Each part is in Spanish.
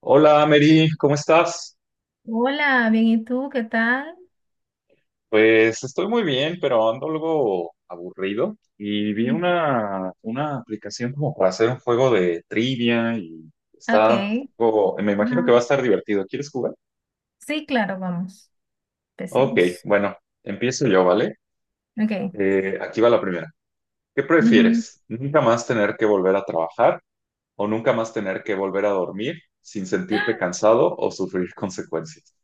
Hola, Mary, ¿cómo estás? Hola, bien, ¿y tú? ¿Qué tal? Pues estoy muy bien, pero ando algo aburrido y vi Mm. una aplicación como para hacer un juego de trivia y está Ok. Me imagino que va Ajá. a estar divertido. ¿Quieres jugar? Sí, claro, vamos. Ok, Empecemos. bueno, empiezo yo, ¿vale? Ok. Aquí va la primera. ¿Qué Ujú. prefieres? ¿Nunca más tener que volver a trabajar o nunca más tener que volver a dormir sin sentirte cansado o sufrir consecuencias?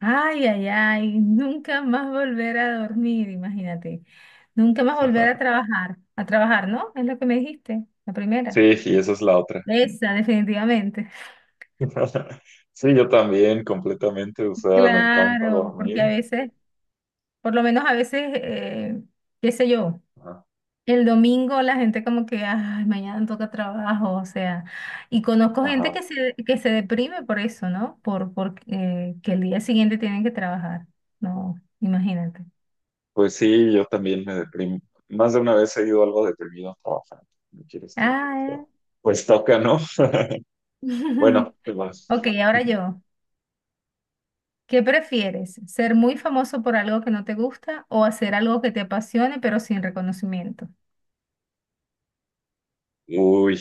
Ay, ay, ay. Nunca más volver a dormir, imagínate. Nunca más volver a trabajar. A trabajar, ¿no? Es lo que me dijiste, la Sí, primera. y esa es la otra. Esa, definitivamente. Sí, yo también, completamente, o sea, me encanta Claro, porque a dormir. veces, por lo menos a veces, qué sé yo. Ajá. El domingo la gente como que, ay, mañana toca trabajo, o sea, y conozco gente Ajá. que se deprime por eso, ¿no? Por que el día siguiente tienen que trabajar. No, imagínate. Pues sí, yo también me deprimo. Más de una vez he ido algo deprimido a trabajar. No quiero estar. Ah, eh. Pero, pues toca, ¿no? Bueno, te vas. Ok, ahora yo. ¿Qué prefieres? ¿Ser muy famoso por algo que no te gusta o hacer algo que te apasione pero sin reconocimiento? Uy.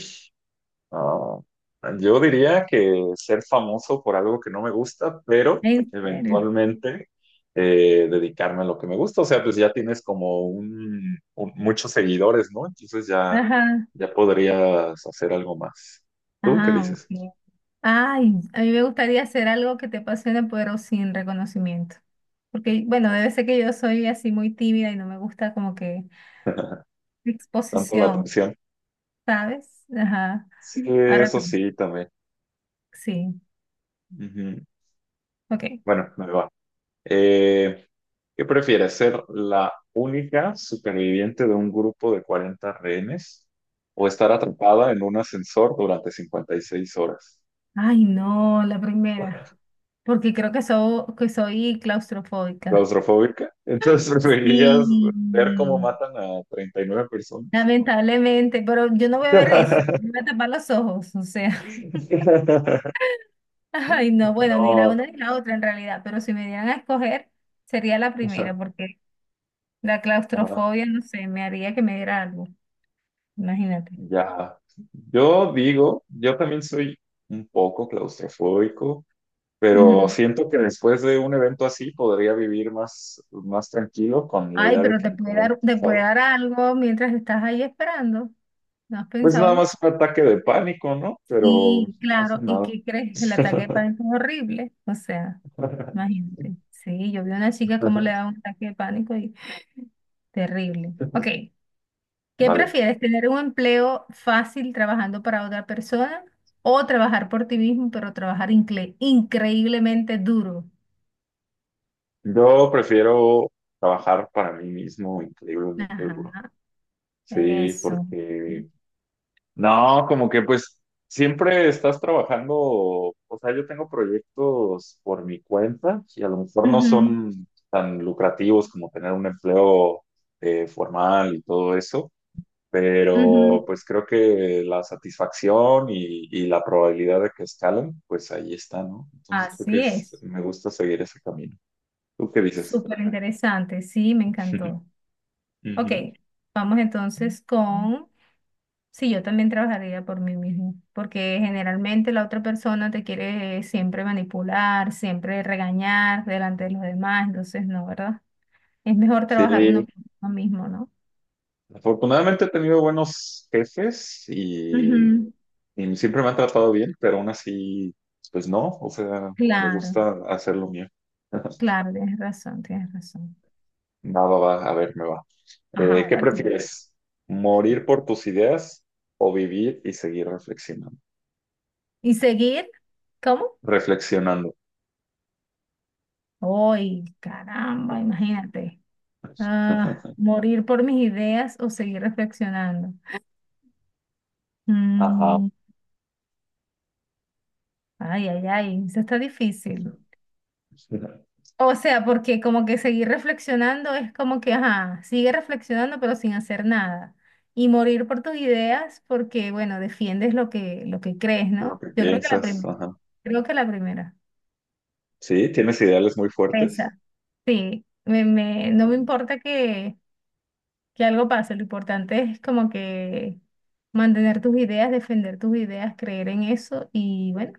Ah, yo diría que ser famoso por algo que no me gusta, pero ¿En serio? eventualmente dedicarme a lo que me gusta. O sea, pues ya tienes como muchos seguidores, ¿no? Entonces ya, Ajá. ya podrías hacer algo más. ¿Tú qué Ah, dices? ok. Ay, a mí me gustaría hacer algo que te apasione, pero sin reconocimiento. Porque, bueno, debe ser que yo soy así muy tímida y no me gusta como que Tanto la exposición, atención. ¿sabes? Ajá. Sí, Ahora eso tú. sí, también. Sí, Ujú. ok. Bueno, me va. Eh, ¿Qué prefieres, ser la única superviviente de un grupo de 40 rehenes o estar atrapada en un ascensor durante 56 horas? Ay, no, la primera. Porque creo que, que soy claustrofóbica. ¿Claustrofóbica? Entonces preferirías ver cómo Sí, matan a 39 personas. lamentablemente, pero yo no voy a ver eso. Me voy a tapar los ojos, o sea. Ay, no, bueno, ni la No, una ni la otra en realidad, pero si me dieran a escoger, sería la o sea, primera, porque la ajá, claustrofobia, no sé, me haría que me diera algo, imagínate. ya. Yo digo, yo también soy un poco claustrofóbico. Pero Ujú. siento que después de un evento así podría vivir más, más tranquilo con la Ay, idea de pero que te me puede quedaron dar, te puede cansado. dar algo mientras estás ahí esperando. ¿No has Pues pensado nada en más eso? un ataque de pánico, ¿no? Pero Y no pasa claro, ¿y nada. qué crees? El ataque de pánico es horrible. O sea, imagínate. Sí, yo vi a una chica cómo le daba un ataque de pánico y terrible. Ok, ¿qué Vale. prefieres, tener un empleo fácil trabajando para otra persona o trabajar por ti mismo, pero trabajar increíblemente duro? Yo prefiero trabajar para mí mismo increíblemente duro. Ajá, Sí, eso. porque no, como que pues siempre estás trabajando, o sea, yo tengo proyectos por mi cuenta y a lo mejor no Ujú, son tan lucrativos como tener un empleo formal y todo eso, ujú. pero pues creo que la satisfacción y la probabilidad de que escalen, pues ahí está, ¿no? Entonces creo que Así es. me gusta seguir ese camino. ¿Tú qué dices? Súper interesante, sí, me encantó. Ok, Ujú. vamos entonces con si yo también trabajaría por mí mismo, porque generalmente la otra persona te quiere siempre manipular, siempre regañar delante de los demás, entonces no, ¿verdad? Es mejor Sí, trabajar uno por uno mismo, ¿no? afortunadamente he tenido buenos jefes y Ujú. Y siempre me han tratado bien, pero aún así, pues no, o sea, me Claro, gusta hacer lo mío. claro, tienes razón, tienes razón. Va, va, va, a ver, me va. Ajá, ¿Qué ahora tú. prefieres? ¿Morir por tus ideas o vivir y seguir reflexionando? ¿Y seguir? ¿Cómo? Reflexionando. ¡Ay, caramba! Imagínate. Ah, morir por mis ideas o seguir reflexionando. Ajá. Mm, Ay, ay, ay, eso está difícil. O sea, porque como que seguir reflexionando es como que, ajá, sigue reflexionando pero sin hacer nada. Y morir por tus ideas porque, bueno, defiendes lo que crees, Lo ¿no? que Yo creo que la piensas, primera. ajá. Creo que la primera. Sí, tienes ideales muy fuertes. Esa. Sí, no Ah, me importa que algo pase, lo importante es como que mantener tus ideas, defender tus ideas, creer en eso y bueno,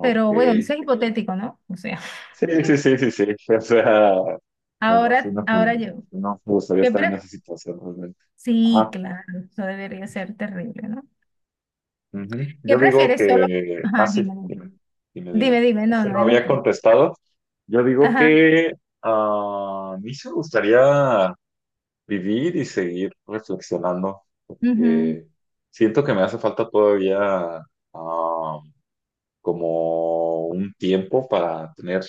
pero bueno, eso es hipotético, ¿no? O sea, Sí, sí, sí, sí, sí. O sea, me ahora, imagino que ahora yo. no me gustaría ¿Qué estar en prefieres? esa situación realmente. Sí, Ajá. claro, eso debería ser terrible, ¿no? Ujú. ¿Qué Yo digo prefieres solo? que. Ajá, Sí, dime, dime. dime, dime, Dime, dime. dime, Es no, que no, no dime había tú. contestado. Yo digo Ajá, que a mí sí me gustaría vivir y seguir reflexionando, ujú, porque siento que me hace falta todavía. ah Como un tiempo para tener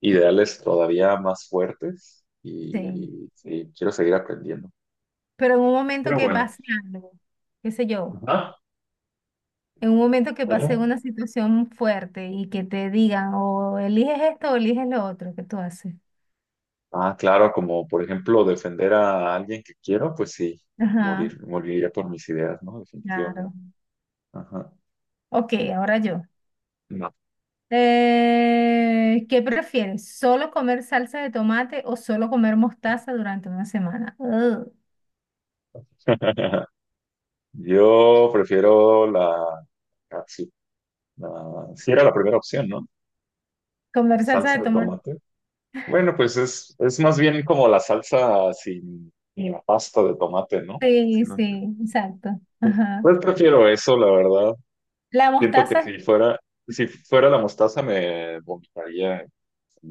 ideales todavía más fuertes sí. y sí, quiero seguir aprendiendo. Pero en un momento Pero que bueno, pase algo, qué sé yo, ajá, en un momento que pase ¿cómo? una situación fuerte y que te digan o eliges esto o eliges lo otro, ¿qué tú haces? Ah, claro, como por ejemplo defender a alguien que quiero, pues sí, Ajá, morir, moriría por mis ideas, ¿no? Definitivamente. claro. Ajá. Ok, ahora yo. No. ¿Qué prefieres? ¿Solo comer salsa de tomate o solo comer mostaza durante una semana? Ugh. Yo prefiero la sí sí era la primera opción, ¿no? Comer salsa Salsa de de tomate. tomate. Bueno, pues es más bien como la salsa sin la pasta de tomate, ¿no? Sí, Sí, lo entiendo. sí, exacto. Ajá. Pues prefiero eso, la verdad. La Siento que mostaza, si fuera, si fuera la mostaza me vomitaría en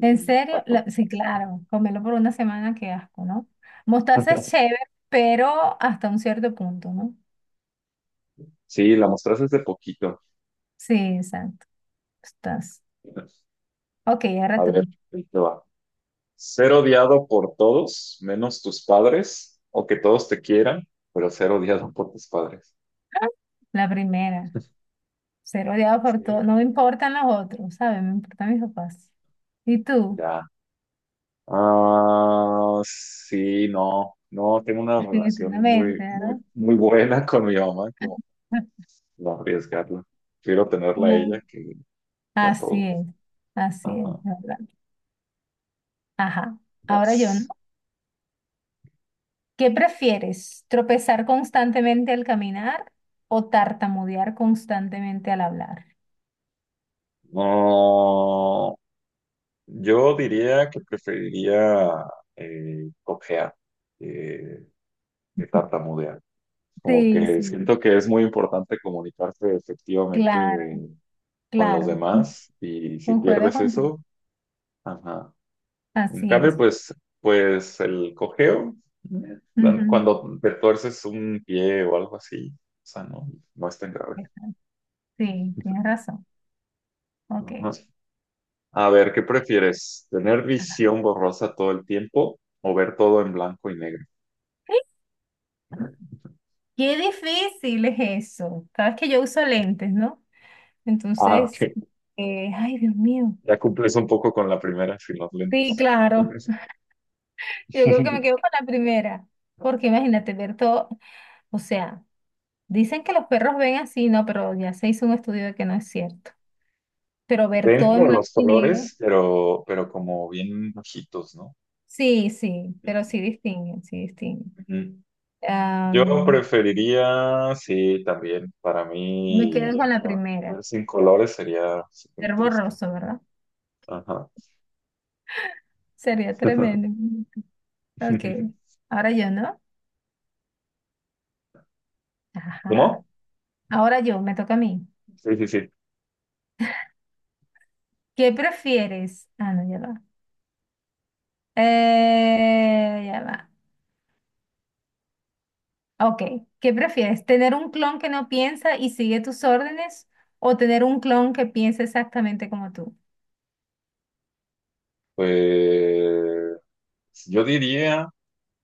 en serio, rato. sí, claro, comerlo por una semana, qué asco, ¿no? Mostaza es chévere, pero hasta un cierto punto, ¿no? Sí, la mostaza es de poquito. Sí, exacto. Estás. Ok, ahora A ver, tú. ahí te va. Ser odiado por todos, menos tus padres, o que todos te quieran, pero ser odiado por tus padres. ¡Ah! La primera. Ser odiado por todo. Sí. No me importan los otros, ¿sabes? Me importan mis papás. ¿Y tú? Ya. Ah, sí, no, no, tengo una relación Definitivamente, muy, ¿verdad? muy, muy buena con mi mamá, como no arriesgarla. Prefiero tenerla a Ah, ella que a así todos. es, así es, Ajá. ¿verdad? Ajá. Ahora yo, ¿no? Vas. ¿Qué prefieres? ¿Tropezar constantemente al caminar o tartamudear constantemente al hablar? No, yo diría que preferiría cojear, eh, que tartamudear. Como Sí, que sí, siento que es muy importante comunicarse efectivamente, claro, con los claro. demás y si Concuerdo pierdes contigo. eso, ajá. En Así cambio, es. pues, pues el cojeo, eh, Ujú. cuando te tuerces un pie o algo así, o sea, no, no es tan grave. Sí, tienes razón. Ajá. Ok. A ver, ¿qué prefieres? ¿Tener Ajá. visión borrosa todo el tiempo o ver todo en blanco y negro? ¡Ay! Qué difícil es eso. Sabes que yo uso lentes, ¿no? Ah, Entonces, ok. Ay, Dios mío. Ya cumples un poco con la primera sin los Sí, lentes. claro. Yo creo que me quedo con la primera, porque imagínate ver todo, o sea, dicen que los perros ven así, no, pero ya se hizo un estudio de que no es cierto. Pero ver Ven todo como en blanco los y negro, colores, pero como bien bajitos, ¿no? sí, sí, pero sí distinguen, sí distinguen. Ujú. Yo Am, preferiría, sí, también, para me quedo mí, con la primera, ver sin colores sería súper ver triste. borroso, ¿verdad? Ajá. Sería tremendo. Ok, ahora yo, ¿no? Ajá, ¿Cómo? ahora yo, me toca a mí. Sí, sí, sí. ¿Qué prefieres? Ah, no, ya va. Ya va. Ok, ¿qué prefieres? ¿Tener un clon que no piensa y sigue tus órdenes o tener un clon que piensa exactamente como tú? Pues yo diría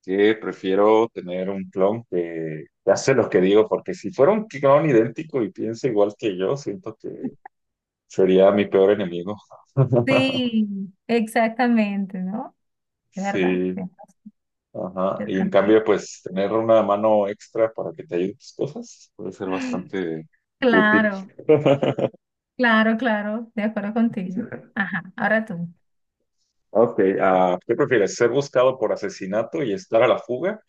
que prefiero tener un clon que hace lo que digo, porque si fuera un clon idéntico y piensa igual que yo, siento que sería mi peor enemigo. Sí, exactamente, ¿no? De verdad, Sí. tienes razón, Ajá. yo Y en cambio, también. pues tener una mano extra para que te ayude en tus cosas puede ser bastante útil. Claro, claro, claro, de acuerdo contigo. Ajá, ahora tú. Ok, ¿qué prefieres? ¿Ser buscado por asesinato y estar a la fuga?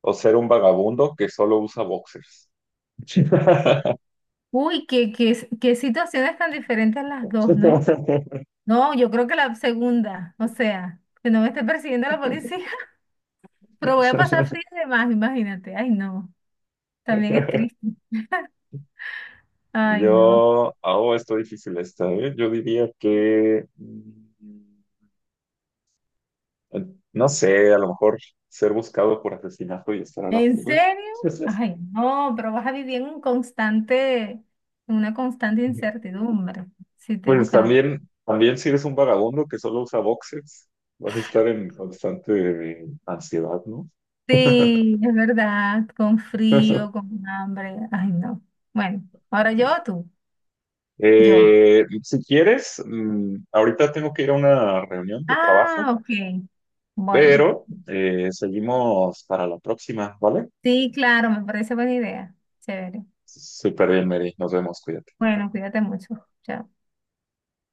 ¿O ser un vagabundo que solo usa boxers? Uy, qué, qué, qué situaciones tan diferentes las dos, ¿no? No, yo creo que la segunda, o sea, que no me esté persiguiendo la policía, pero voy a pasar frío de más, imagínate. Ay, no, también es triste. Ay, no. Yo, oh, está difícil esta, ¿eh? Yo diría que, no sé, a lo mejor ser buscado por asesinato y estar a la ¿En fuga. serio? Ay, no, pero vas a vivir en un constante, en una constante incertidumbre. Si te Pues buscan otra. también, también si eres un vagabundo que solo usa boxers, vas a estar en constante ansiedad, ¿no? Sí, es verdad, con frío, con hambre. Ay, no. Bueno, ahora yo o tú, yo. Si quieres, ahorita tengo que ir a una reunión de trabajo, Ah, ok. Bueno, pero seguimos para la próxima, ¿vale? sí, claro, me parece buena idea. Chévere. Súper bien, Mary. Nos vemos, cuídate. Bueno, cuídate mucho. Chao.